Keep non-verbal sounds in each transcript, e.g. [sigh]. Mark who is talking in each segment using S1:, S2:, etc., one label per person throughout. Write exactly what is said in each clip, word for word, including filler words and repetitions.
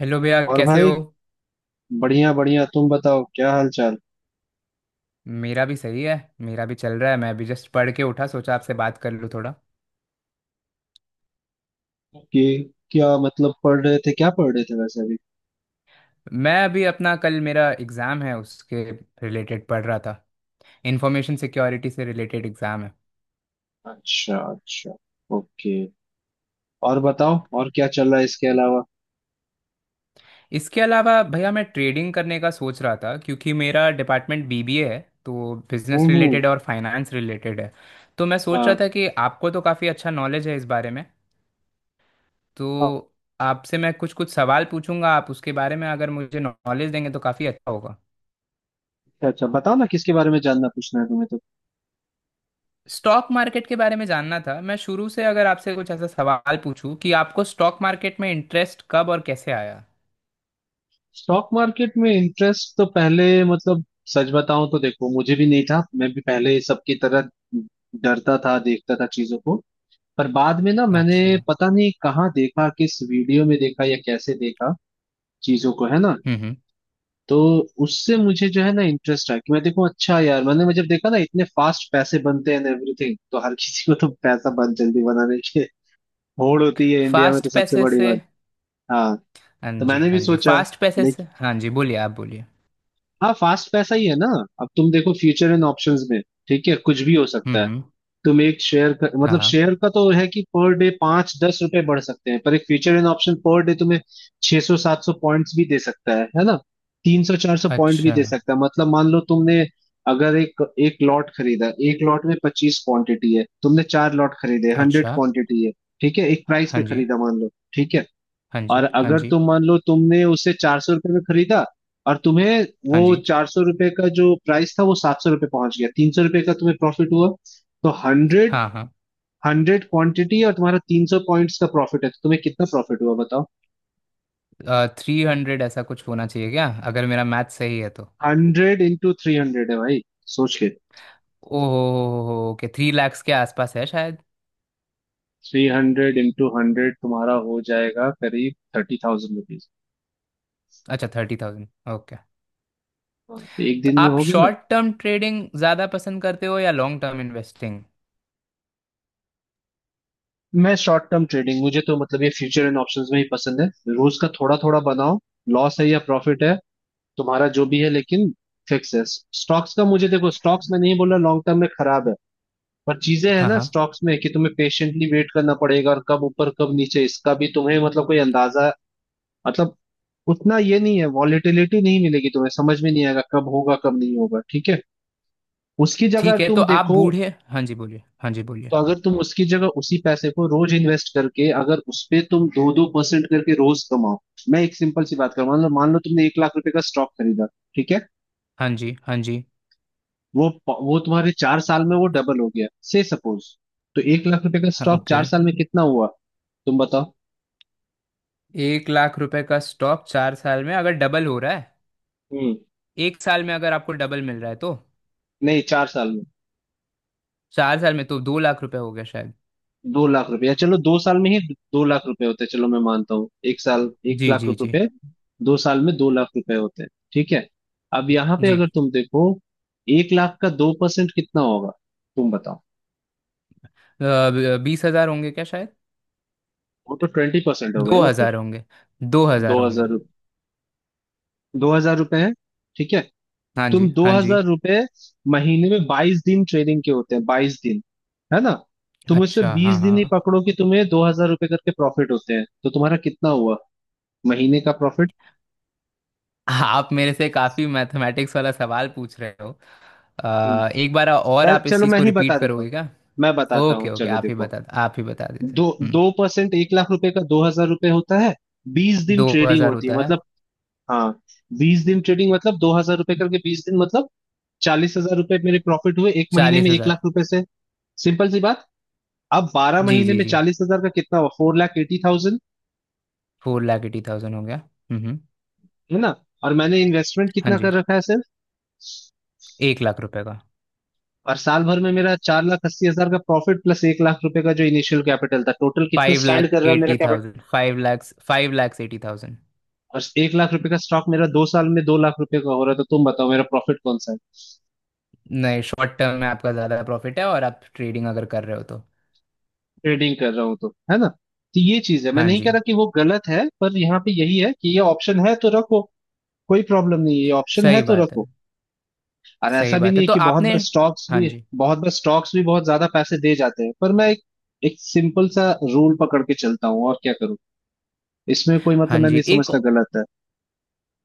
S1: Hello भैया,
S2: और
S1: कैसे
S2: भाई,
S1: हो।
S2: बढ़िया बढ़िया। तुम बताओ क्या हाल चाल।
S1: मेरा भी सही है, मेरा भी चल रहा है। मैं अभी जस्ट पढ़ के उठा, सोचा आपसे बात कर लूँ थोड़ा।
S2: कि क्या, मतलब पढ़ रहे थे, क्या पढ़ रहे थे वैसे अभी?
S1: मैं अभी अपना कल मेरा एग्ज़ाम है, उसके रिलेटेड पढ़ रहा था। इंफॉर्मेशन सिक्योरिटी से रिलेटेड एग्ज़ाम है।
S2: अच्छा अच्छा, ओके। और बताओ, और क्या चल रहा है इसके अलावा?
S1: इसके अलावा भैया, मैं ट्रेडिंग करने का सोच रहा था क्योंकि मेरा डिपार्टमेंट बी बी ए है। तो बिजनेस
S2: हम्म हम्म।
S1: रिलेटेड और फाइनेंस रिलेटेड है। तो मैं सोच
S2: हाँ।
S1: रहा था कि आपको तो काफ़ी अच्छा नॉलेज है इस बारे में। तो आपसे मैं कुछ कुछ सवाल पूछूंगा, आप उसके बारे में अगर मुझे नॉलेज देंगे तो काफ़ी अच्छा होगा।
S2: अच्छा अच्छा, बताओ ना किसके बारे में जानना पूछना है तुम्हें तो।
S1: स्टॉक मार्केट के बारे में जानना था। मैं शुरू से अगर आपसे कुछ ऐसा सवाल पूछूं कि आपको स्टॉक मार्केट में इंटरेस्ट कब और कैसे आया।
S2: स्टॉक मार्केट में इंटरेस्ट तो पहले, मतलब सच बताऊं तो देखो, मुझे भी नहीं था। मैं भी पहले सबकी तरह डरता था, देखता था चीजों को। पर बाद में ना मैंने,
S1: अच्छा। हम्म
S2: पता नहीं कहाँ देखा, किस वीडियो में देखा या कैसे देखा चीजों को, है ना।
S1: हम्म।
S2: तो उससे मुझे जो है ना इंटरेस्ट आया कि मैं देखूं, अच्छा यार, मैंने मैं जब देखा ना इतने फास्ट पैसे बनते हैं एवरीथिंग, तो हर किसी को तो पैसा बहुत जल्दी बनाने की होड़ होती है इंडिया में,
S1: फास्ट
S2: तो सबसे
S1: पैसे
S2: बड़ी
S1: से।
S2: बात। हाँ,
S1: हाँ
S2: तो
S1: जी,
S2: मैंने भी
S1: हाँ जी,
S2: सोचा,
S1: फास्ट पैसे से।
S2: लेकिन
S1: हाँ जी, बोलिए, आप बोलिए।
S2: हाँ फास्ट पैसा ही है ना। अब तुम देखो फ्यूचर एंड ऑप्शंस में, ठीक है, कुछ भी हो
S1: हम्म
S2: सकता है।
S1: हम्म।
S2: तुम एक शेयर का,
S1: हाँ
S2: मतलब
S1: हाँ।
S2: शेयर का तो है कि पर डे पांच दस रुपए बढ़ सकते हैं, पर एक future and option per day तुम्हें छह सौ सात सौ पॉइंट्स भी दे सकता है है ना। तीन सौ चार सौ पॉइंट भी
S1: अच्छा।
S2: दे सकता है। मतलब मान लो तुमने, अगर एक एक लॉट खरीदा, एक लॉट में पच्चीस क्वांटिटी है, तुमने चार लॉट खरीदे, हंड्रेड
S1: अच्छा।
S2: क्वांटिटी है। ठीक है, एक प्राइस
S1: हाँ
S2: पे
S1: जी,
S2: खरीदा मान लो, ठीक है।
S1: हाँ
S2: और
S1: जी। हाँ
S2: अगर
S1: जी,
S2: तुम मान लो तुमने उसे चार सौ रुपये में खरीदा, और तुम्हें वो
S1: हाँ जी।
S2: चार सौ रुपये का जो प्राइस था, वो सात सौ रुपये पहुंच गया, तीन सौ रुपये का तुम्हें प्रॉफिट हुआ। तो हंड्रेड
S1: हाँ हाँ।
S2: हंड्रेड क्वांटिटी, और तुम्हारा तीन सौ पॉइंट्स का प्रॉफिट है, तो तुम्हें कितना प्रॉफिट हुआ बताओ?
S1: थ्री हंड्रेड ऐसा कुछ होना चाहिए क्या, अगर मेरा मैथ सही है तो।
S2: हंड्रेड इंटू थ्री हंड्रेड है भाई, सोच के।
S1: ओह। ओके, थ्री लैक्स के आसपास है शायद।
S2: थ्री हंड्रेड इंटू हंड्रेड, तुम्हारा हो जाएगा करीब थर्टी थाउजेंड रुपीज।
S1: अच्छा, थर्टी थाउजेंड। ओके।
S2: हाँ, तो एक
S1: तो
S2: दिन में
S1: आप
S2: हो गया ना।
S1: शॉर्ट टर्म ट्रेडिंग ज्यादा पसंद करते हो या लॉन्ग टर्म इन्वेस्टिंग?
S2: मैं शॉर्ट टर्म ट्रेडिंग, मुझे तो मतलब ये फ्यूचर एंड ऑप्शंस में ही पसंद है। रोज का थोड़ा थोड़ा बनाओ। लॉस है या प्रॉफिट है तुम्हारा, जो भी है लेकिन फिक्स है। स्टॉक्स का, मुझे देखो, स्टॉक्स में नहीं बोल रहा लॉन्ग टर्म में खराब है। पर चीजें है
S1: हाँ
S2: ना
S1: हाँ।
S2: स्टॉक्स में कि तुम्हें पेशेंटली वेट करना पड़ेगा, और कब ऊपर कब नीचे इसका भी तुम्हें मतलब कोई अंदाजा, मतलब उतना ये नहीं है, वॉलेटिलिटी नहीं मिलेगी तुम्हें, समझ में नहीं आएगा कब होगा कब नहीं होगा। ठीक है, उसकी जगह
S1: ठीक है। तो
S2: तुम
S1: आप
S2: देखो,
S1: बूढ़े। हाँ जी बोलिए, हाँ जी बोलिए।
S2: तो अगर तुम उसकी जगह उसी पैसे को रोज इन्वेस्ट करके अगर उस पे तुम दो दो परसेंट करके रोज कमाओ। मैं एक सिंपल सी बात करूँ, मान लो मान लो तुमने एक लाख रुपए का स्टॉक खरीदा, ठीक है।
S1: हाँ जी, हाँ जी।
S2: वो प- वो तुम्हारे चार साल में वो डबल हो गया से सपोज। तो एक लाख रुपए का
S1: हाँ।
S2: स्टॉक चार
S1: ओके।
S2: साल में कितना हुआ, तुम बताओ?
S1: एक लाख रुपए का स्टॉक चार साल में अगर डबल हो रहा है,
S2: हम्म।
S1: एक साल में अगर आपको डबल मिल रहा है तो।
S2: नहीं, चार साल में।
S1: चार साल में तो दो लाख रुपए हो गया शायद।
S2: दो लाख रुपया, चलो दो साल में ही दो लाख रुपए होते हैं। चलो मैं मानता हूँ, एक साल एक
S1: जी
S2: लाख
S1: जी जी।
S2: रुपए, दो साल में दो लाख रुपए होते हैं, ठीक है। अब
S1: जी
S2: यहाँ पे
S1: जी।
S2: अगर तुम देखो, एक लाख का दो परसेंट कितना होगा तुम बताओ?
S1: अ, ब- बीस हजार होंगे क्या शायद।
S2: वो तो ट्वेंटी परसेंट हो गए
S1: दो
S2: ना
S1: हजार
S2: फिर।
S1: होंगे। दो
S2: दो
S1: हजार होंगे।
S2: हजार दो हजार रुपए है, ठीक है।
S1: हाँ
S2: तुम
S1: जी,
S2: दो
S1: हाँ जी।
S2: हजार रुपये महीने में बाईस दिन ट्रेनिंग के होते हैं, बाईस दिन, है ना। तुम उससे
S1: अच्छा। हाँ
S2: बीस दिन ही
S1: हाँ।
S2: पकड़ो कि तुम्हें दो हजार रुपये करके प्रॉफिट होते हैं, तो तुम्हारा कितना हुआ महीने का प्रॉफिट?
S1: आप मेरे से काफी मैथमेटिक्स वाला सवाल पूछ रहे हो। अ, एक बार और
S2: मैं,
S1: आप इस
S2: चलो
S1: चीज़
S2: मैं
S1: को
S2: ही
S1: रिपीट
S2: बता देता हूँ।
S1: करोगे क्या।
S2: मैं बताता हूँ,
S1: ओके ओके,
S2: चलो
S1: आप ही
S2: देखो।
S1: बता आप ही बता दीजिए।
S2: दो
S1: हम्म।
S2: दो परसेंट एक लाख रुपए का दो हजार रुपये होता है। बीस दिन
S1: दो
S2: ट्रेडिंग
S1: हजार
S2: होती है
S1: होता है।
S2: मतलब, हाँ, बीस दिन ट्रेडिंग मतलब दो हजार रुपये करके बीस दिन मतलब चालीस हजार रुपये मेरे प्रॉफिट हुए एक महीने
S1: चालीस
S2: में एक
S1: हजार
S2: लाख रुपए से, सिंपल सी बात। अब बारह
S1: जी
S2: महीने
S1: जी
S2: में
S1: जी।
S2: चालीस हजार का कितना हुआ? Four lakh eighty thousand,
S1: four lakh eighty thousand हो गया। हम्म।
S2: है ना। और मैंने इन्वेस्टमेंट
S1: हाँ
S2: कितना
S1: जी।
S2: कर रखा है सिर्फ?
S1: एक लाख रुपए का।
S2: और साल भर में मेरा चार लाख अस्सी हजार का प्रॉफिट प्लस एक लाख रुपए का जो इनिशियल कैपिटल था, टोटल कितना
S1: फाइव
S2: स्टैंड
S1: लाख
S2: कर रहा है मेरा
S1: eighty
S2: capital?
S1: Thousand five lakhs, five lakhs eighty thousand.
S2: और एक लाख रुपए का स्टॉक मेरा दो साल में दो लाख रुपए का हो रहा है, तो तुम बताओ मेरा प्रॉफिट कौन सा है?
S1: नहीं, शॉर्ट टर्म में आपका ज़्यादा प्रॉफिट है और आप ट्रेडिंग अगर कर रहे हो तो।
S2: ट्रेडिंग कर रहा हूँ तो, है ना। तो ये चीज है, मैं
S1: हाँ
S2: नहीं कह
S1: जी।
S2: रहा कि वो गलत है, पर यहाँ पे यही है कि ये ऑप्शन है तो रखो, कोई प्रॉब्लम नहीं है, ये ऑप्शन है
S1: सही
S2: तो
S1: बात है,
S2: रखो। और
S1: सही
S2: ऐसा भी
S1: बात
S2: नहीं
S1: है।
S2: है
S1: तो
S2: कि बहुत
S1: आपने।
S2: बार स्टॉक्स
S1: हाँ
S2: भी
S1: जी,
S2: बहुत बार स्टॉक्स भी बहुत ज्यादा पैसे दे जाते हैं, पर मैं एक एक सिंपल सा रूल पकड़ के चलता हूँ और क्या करूँ। इसमें कोई, मतलब
S1: हाँ
S2: मैं
S1: जी।
S2: नहीं
S1: एक
S2: समझता गलत है।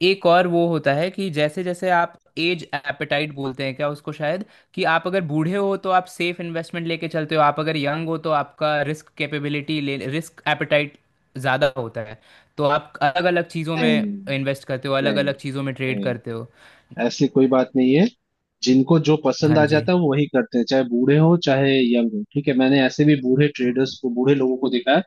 S1: एक और वो होता है कि जैसे जैसे आप एज एपेटाइट बोलते हैं क्या उसको, शायद। कि आप अगर बूढ़े हो तो आप सेफ इन्वेस्टमेंट लेके चलते हो, आप अगर यंग हो तो आपका रिस्क कैपेबिलिटी ले रिस्क एपेटाइट ज़्यादा होता है। तो आप अलग अलग चीज़ों में
S2: नहीं
S1: इन्वेस्ट करते हो, अलग
S2: नहीं
S1: अलग चीज़ों में ट्रेड
S2: नहीं,
S1: करते हो।
S2: ऐसी कोई बात नहीं है। जिनको जो
S1: हाँ
S2: पसंद आ
S1: जी।
S2: जाता है वो वही करते हैं, चाहे बूढ़े हो चाहे यंग हो। ठीक है, मैंने ऐसे भी बूढ़े
S1: हम्म
S2: ट्रेडर्स को, बूढ़े लोगों को देखा है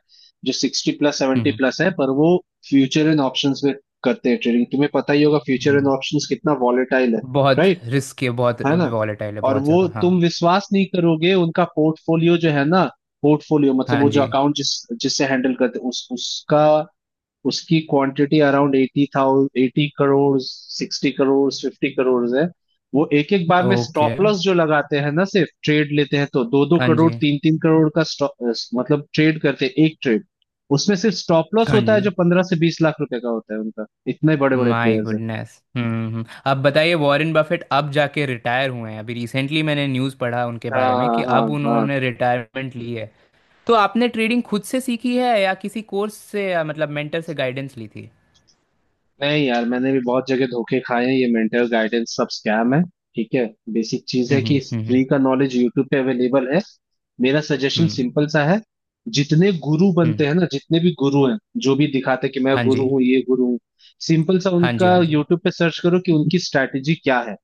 S2: जो सिक्सटी प्लस सेवेंटी
S1: हम्म,
S2: प्लस है, पर वो फ्यूचर एंड ऑप्शंस में करते हैं ट्रेडिंग। तुम्हें पता ही होगा फ्यूचर एंड
S1: हम्म।
S2: ऑप्शंस कितना वॉलेटाइल है।
S1: बहुत।
S2: राइट,
S1: रिस्क है बहुत।
S2: है ना।
S1: वॉलेटाइल है
S2: और
S1: बहुत
S2: वो
S1: ज़्यादा, हाँ।
S2: तुम विश्वास नहीं करोगे, उनका पोर्टफोलियो जो है ना, पोर्टफोलियो मतलब
S1: हाँ
S2: वो जो
S1: जी।
S2: अकाउंट जिस, जिससे हैंडल करते उस उसका, उसकी quantity around eighty thousand, eighty crore, sixty crore, fifty crore है। वो एक एक बार में
S1: ओके।
S2: स्टॉप लॉस जो लगाते हैं ना, सिर्फ ट्रेड लेते हैं तो दो दो
S1: हाँ
S2: करोड़
S1: जी,
S2: तीन तीन करोड़ का stop- अ, मतलब ट्रेड करते हैं, एक ट्रेड, उसमें सिर्फ स्टॉप लॉस
S1: हाँ
S2: होता है
S1: जी।
S2: जो पंद्रह से बीस लाख रुपए का होता है उनका। इतने बड़े बड़े
S1: माय
S2: प्लेयर्स हैं।
S1: गुडनेस। हम्म हम्म। अब बताइए, वॉरेन बफेट अब जाके रिटायर हुए हैं अभी रिसेंटली, मैंने न्यूज़ पढ़ा उनके बारे में कि
S2: हाँ
S1: अब
S2: हाँ हाँ।
S1: उन्होंने रिटायरमेंट ली है। तो आपने ट्रेडिंग खुद से सीखी है या किसी कोर्स से या मतलब मेंटर से गाइडेंस ली थी।
S2: नहीं यार, मैंने भी बहुत जगह धोखे खाए हैं, ये मेंटल गाइडेंस सब स्कैम है, ठीक है। बेसिक चीज है
S1: हम्म
S2: कि
S1: हम्म
S2: इस
S1: हम्म।
S2: फ्री का नॉलेज यूट्यूब पे अवेलेबल है। मेरा
S1: हम्म
S2: सजेशन
S1: हम्म।
S2: सिंपल सा है, जितने गुरु
S1: हम्म।
S2: बनते हैं ना, जितने भी गुरु हैं, जो भी दिखाते हैं कि मैं
S1: हाँ
S2: गुरु
S1: जी,
S2: हूँ, ये गुरु हूँ, सिंपल सा
S1: हाँ जी,
S2: उनका
S1: हाँ जी।
S2: यूट्यूब पे सर्च करो कि उनकी स्ट्रैटेजी क्या है।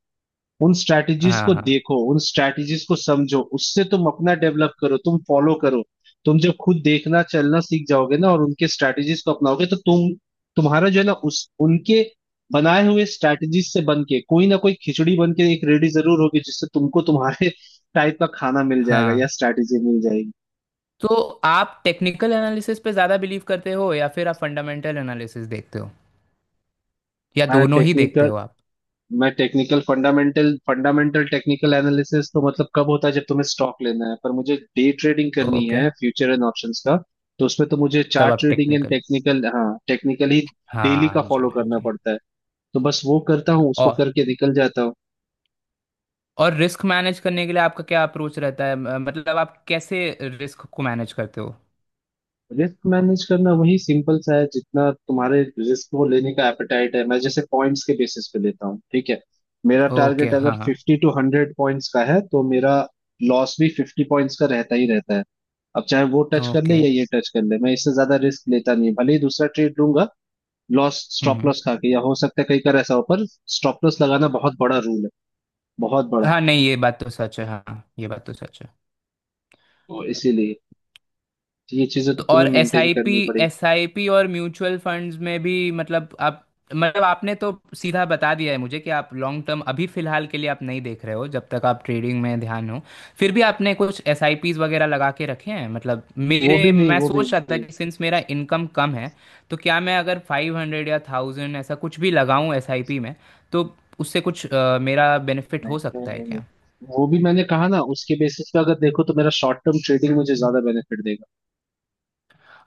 S2: उन स्ट्रैटेजीज
S1: हाँ
S2: को
S1: हाँ
S2: देखो, उन स्ट्रैटेजीज को समझो, उससे तुम अपना डेवलप करो, तुम फॉलो करो। तुम जब खुद देखना चलना सीख जाओगे ना और उनके स्ट्रैटेजीज को अपनाओगे तो तुम, तुम्हारा जो है ना उस उनके बनाए हुए स्ट्रैटेजीज से बन के कोई ना कोई खिचड़ी बन के एक रेडी जरूर होगी, जिससे तुमको तुम्हारे [laughs] टाइप का खाना मिल जाएगा या
S1: हाँ।
S2: स्ट्रैटेजी मिल जाएगी।
S1: तो आप टेक्निकल एनालिसिस पे ज़्यादा बिलीव करते हो या फिर आप फंडामेंटल एनालिसिस देखते हो, या
S2: मैं
S1: दोनों ही देखते
S2: टेक्निकल
S1: हो आप?
S2: मैं technical fundamental, fundamental technical analysis तो मतलब कब होता है जब तुम्हें स्टॉक लेना है, पर मुझे डे ट्रेडिंग करनी
S1: ओके,
S2: है फ्यूचर एंड ऑप्शंस का, तो उसमें तो मुझे
S1: तब
S2: चार्ट
S1: आप
S2: ट्रेडिंग एंड
S1: टेक्निकल।
S2: टेक्निकल, हाँ टेक्निकल ही डेली
S1: हाँ
S2: का
S1: जी,
S2: फॉलो
S1: हाँ
S2: करना
S1: जी।
S2: पड़ता है। तो बस वो करता हूँ, उसको करके निकल जाता हूँ।
S1: और रिस्क मैनेज करने के लिए आपका क्या अप्रोच रहता है, म- मतलब आप कैसे रिस्क को मैनेज करते हो।
S2: रिस्क मैनेज करना वही सिंपल सा है, जितना तुम्हारे रिस्क को लेने का एपेटाइट है। मैं जैसे पॉइंट्स के बेसिस पे लेता हूँ, ठीक है। मेरा
S1: ओके।
S2: टारगेट अगर
S1: हाँ हाँ।
S2: फिफ्टी टू हंड्रेड पॉइंट्स का है, तो मेरा लॉस भी फिफ्टी पॉइंट्स का रहता ही रहता है। अब चाहे वो टच कर ले
S1: ओके।
S2: या ये टच कर ले, मैं इससे ज्यादा रिस्क लेता नहीं, भले ही दूसरा ट्रेड लूंगा लॉस
S1: हम्म
S2: स्टॉप
S1: हम्म।
S2: लॉस खा के, या हो सकता है कई बार ऐसा हो, पर स्टॉप लॉस लगाना बहुत बड़ा रूल है, बहुत बड़ा।
S1: हाँ, नहीं ये बात तो सच है, हाँ ये बात तो सच है।
S2: तो इसीलिए ये चीजें
S1: तो
S2: तो
S1: और
S2: तुम्हें
S1: एस
S2: मेंटेन
S1: आई पी
S2: करनी पड़ेगी।
S1: एस आई पी और म्यूचुअल फंड्स में भी, मतलब आप, मतलब आपने तो सीधा बता दिया है मुझे कि आप लॉन्ग टर्म अभी फिलहाल के लिए आप नहीं देख रहे हो जब तक आप ट्रेडिंग में ध्यान हो। फिर भी आपने कुछ एस आई पीज वगैरह लगा के रखे हैं, मतलब।
S2: वो
S1: मेरे
S2: भी नहीं,
S1: मैं
S2: वो भी
S1: सोच रहा था
S2: नहीं।
S1: कि सिंस मेरा इनकम कम है तो क्या मैं अगर फाइव हंड्रेड या थाउजेंड ऐसा कुछ भी लगाऊं एस आई पी में तो उससे कुछ अ, मेरा बेनिफिट
S2: नहीं
S1: हो
S2: नहीं
S1: सकता है
S2: नहीं नहीं।
S1: क्या।
S2: वो भी मैंने कहा ना उसके बेसिस पे, अगर देखो तो मेरा शॉर्ट टर्म ट्रेडिंग मुझे ज्यादा बेनिफिट देगा।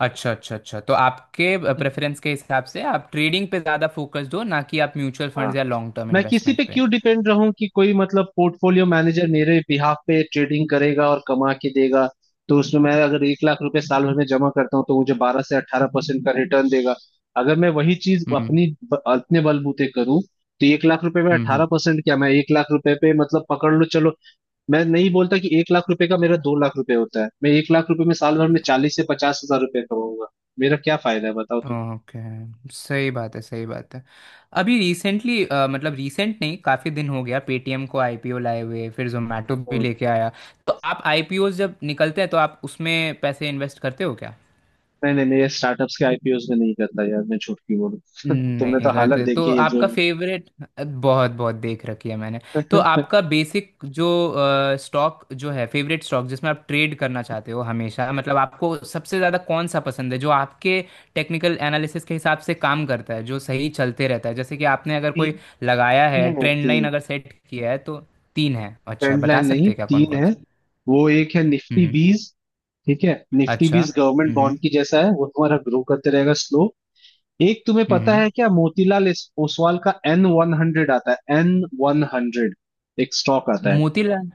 S1: अच्छा अच्छा अच्छा, तो आपके प्रेफरेंस के हिसाब से आप ट्रेडिंग पे ज़्यादा फोकस दो ना कि आप म्यूचुअल
S2: हाँ,
S1: फंड्स या लॉन्ग टर्म
S2: मैं किसी
S1: इन्वेस्टमेंट
S2: पे
S1: पे।
S2: क्यों डिपेंड रहूं कि कोई मतलब पोर्टफोलियो मैनेजर मेरे बिहाफ पे ट्रेडिंग करेगा और कमा के देगा। तो उसमें मैं अगर एक लाख रुपए साल भर में जमा करता हूँ, तो मुझे बारह से अठारह परसेंट का रिटर्न देगा। अगर मैं वही चीज
S1: हम्म
S2: अपनी अपने बलबूते करूँ, तो एक लाख रुपए में अठारह
S1: हम्म।
S2: परसेंट क्या, मैं एक लाख रुपए पे मतलब पकड़ लो चलो, मैं नहीं बोलता कि एक लाख रुपए का मेरा दो लाख रुपए होता है, मैं एक लाख रुपए में साल भर में चालीस से पचास हजार रुपए कमाऊंगा। मेरा क्या फायदा है बताओ तुम?
S1: ओके, सही बात है, सही बात है। अभी रिसेंटली, मतलब रिसेंट नहीं, काफ़ी दिन हो गया पेटीएम को आई पी ओ लाए हुए, फिर जोमेटो भी
S2: हम्म।
S1: लेके आया। तो आप आई पी ओ जब निकलते हैं तो आप उसमें पैसे इन्वेस्ट करते हो क्या।
S2: नहीं नहीं, मैं ये स्टार्टअप्स के आई पी ओ स में नहीं करता यार, मैं झूठ क्यों बोलूं। [laughs] तुमने तो
S1: नहीं
S2: हालत
S1: करते तो
S2: देखी है जो।
S1: आपका फेवरेट। बहुत बहुत देख रखी है मैंने। तो आपका
S2: [laughs]
S1: बेसिक जो स्टॉक जो है, फेवरेट स्टॉक जिसमें आप ट्रेड करना चाहते हो हमेशा, मतलब आपको सबसे ज़्यादा कौन सा पसंद है जो आपके टेक्निकल एनालिसिस के हिसाब से काम करता है, जो सही चलते रहता है, जैसे कि आपने अगर
S2: ती,
S1: कोई लगाया है
S2: तीन है,
S1: ट्रेंड लाइन
S2: तीन।
S1: अगर सेट किया है तो। तीन है, अच्छा
S2: ट्रेंड
S1: बता
S2: लाइन नहीं
S1: सकते हैं क्या कौन
S2: तीन
S1: कौन
S2: है।
S1: सा।
S2: वो एक है
S1: हम्म
S2: निफ्टी
S1: हम्म।
S2: बीस ठीक है। निफ्टी
S1: अच्छा।
S2: बीस गवर्नमेंट
S1: हम्म
S2: बॉन्ड की जैसा है, वो तुम्हारा ग्रो करते रहेगा स्लो। एक तुम्हें
S1: हम्म
S2: पता
S1: हम्म।
S2: है क्या, मोतीलाल इस- ओसवाल का एन वन हंड्रेड आता है, एन वन हंड्रेड, एक स्टॉक आता है।
S1: मोतीलाल,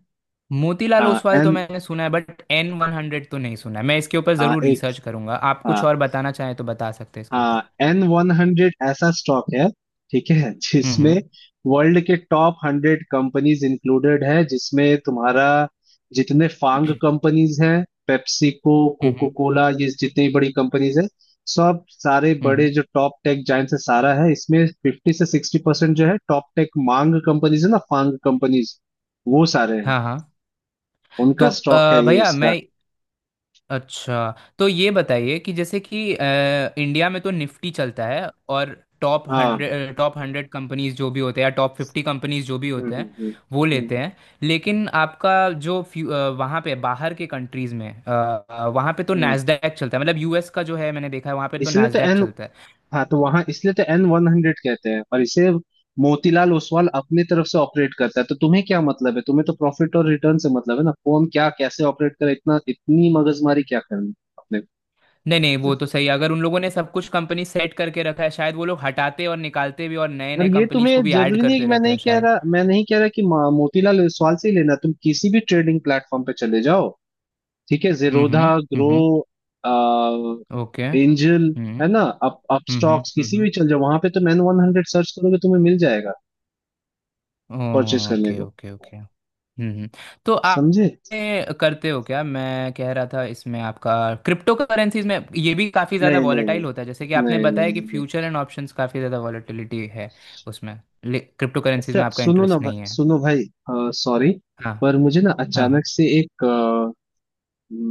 S1: मोतीलाल ओसवाल
S2: एन
S1: तो मैंने सुना है बट एन वन हंड्रेड तो नहीं सुना है, मैं इसके ऊपर ज़रूर
S2: एक
S1: रिसर्च करूंगा, आप कुछ और बताना चाहें तो बता सकते हैं इसके ऊपर।
S2: एन वन हंड्रेड ऐसा स्टॉक है, ठीक है, जिसमें
S1: हम्म
S2: वर्ल्ड के टॉप हंड्रेड कंपनीज इंक्लूडेड है, जिसमें तुम्हारा जितने फांग
S1: हम्म
S2: कंपनीज हैं, पेप्सिको,
S1: हम्म। हम्म
S2: कोको कोला, ये जितनी बड़ी कंपनीज है, सब सारे
S1: हम्म,
S2: बड़े
S1: हम्म।
S2: जो टॉप टेक जायंट्स है सारा है इसमें। फिफ्टी से सिक्सटी परसेंट जो है टॉप टेक मांग कंपनीज है ना, फांग कंपनीज, वो सारे हैं।
S1: हाँ हाँ।
S2: उनका
S1: तो
S2: स्टॉक
S1: अ,
S2: है ये
S1: भैया
S2: इसका।
S1: मैं, अच्छा तो ये बताइए कि जैसे कि अ, इंडिया में तो निफ्टी चलता है और टॉप
S2: हाँ।
S1: हंड्रेड टॉप हंड्रेड कंपनीज जो भी होते हैं, या टॉप फिफ्टी कंपनीज जो भी
S2: हम्म
S1: होते
S2: हम्म
S1: हैं
S2: हम्म
S1: वो
S2: हम्म,
S1: लेते हैं। लेकिन आपका जो फ्यू- अ, वहाँ पे बाहर के कंट्रीज में अ, अ, वहाँ पे तो
S2: हम्म।
S1: नैस्डैक चलता है, मतलब यू एस का जो है, मैंने देखा है वहाँ पे तो
S2: इसलिए तो
S1: नैस्डैक
S2: एन
S1: चलता है।
S2: हाँ, तो वहां इसलिए तो एन वन हंड्रेड कहते हैं, और इसे मोतीलाल ओसवाल अपनी तरफ से ऑपरेट करता है, तो तुम्हें क्या मतलब है, तुम्हें तो प्रॉफिट और रिटर्न से मतलब है ना, कौन क्या कैसे ऑपरेट करे, इतना इतनी मगजमारी क्या करनी अपने।
S1: नहीं नहीं, वो तो सही है, अगर उन लोगों ने सब कुछ कंपनी सेट करके रखा है शायद, वो लोग हटाते और निकालते भी और नए
S2: और
S1: नए
S2: ये
S1: कंपनीज को
S2: तुम्हें
S1: भी ऐड
S2: जरूरी नहीं है कि,
S1: करते
S2: मैं
S1: रहते
S2: नहीं
S1: हैं
S2: कह
S1: शायद।
S2: रहा मैं नहीं कह रहा कि मा- मोतीलाल ओसवाल से ही लेना, तुम किसी भी ट्रेडिंग प्लेटफॉर्म पे चले जाओ, ठीक है,
S1: हम्म
S2: जीरोधा,
S1: हम्म
S2: ग्रो,
S1: हम्म। ओके,
S2: एंजल,
S1: हम्म,
S2: है
S1: okay।
S2: ना, अप
S1: हम्म हम्म
S2: अपस्टॉक्स,
S1: हम्म
S2: किसी भी
S1: हम्म।
S2: चल जाओ, वहां पे तुम एन वन हंड्रेड सर्च करोगे तुम्हें मिल जाएगा परचेस करने
S1: ओके
S2: को।
S1: Okay okay. हम्म हम्म। तो आप
S2: समझे?
S1: ये करते हो क्या, मैं कह रहा था इसमें आपका। क्रिप्टो करेंसीज में ये भी काफ़ी ज़्यादा
S2: नहीं नहीं नहीं
S1: वॉलेटाइल होता है जैसे कि आपने
S2: नहीं
S1: बताया कि
S2: नहीं नहीं।
S1: फ्यूचर एंड ऑप्शंस काफ़ी ज़्यादा वॉलेटिलिटी है उसमें। क्रिप्टो करेंसीज में
S2: अच्छा
S1: आपका
S2: सुनो ना
S1: इंटरेस्ट
S2: भाई,
S1: नहीं है।
S2: सुनो भाई, सॉरी,
S1: हाँ।
S2: पर मुझे ना
S1: हाँ हाँ।
S2: अचानक से एक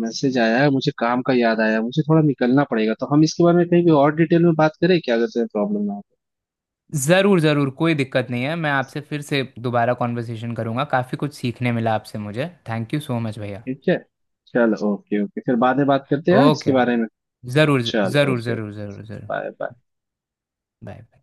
S2: मैसेज आया है, मुझे काम का याद आया, मुझे थोड़ा निकलना पड़ेगा, तो हम इसके बारे में कहीं भी और डिटेल में बात करें क्या, अगर तुम्हें प्रॉब्लम ना हो तो।
S1: ज़रूर ज़रूर, कोई दिक्कत नहीं है, मैं आपसे फिर से दोबारा कॉन्वर्सेशन करूँगा, काफ़ी कुछ सीखने मिला आपसे मुझे, थैंक यू सो मच भैया।
S2: ठीक है, चलो ओके ओके, फिर बाद में बात करते हैं हाँ, इसके
S1: ओके।
S2: बारे में।
S1: ज़रूर
S2: चलो
S1: ज़रूर
S2: ओके,
S1: ज़रूर ज़रूर ज़रूर।
S2: Bye bye.
S1: Bye bye.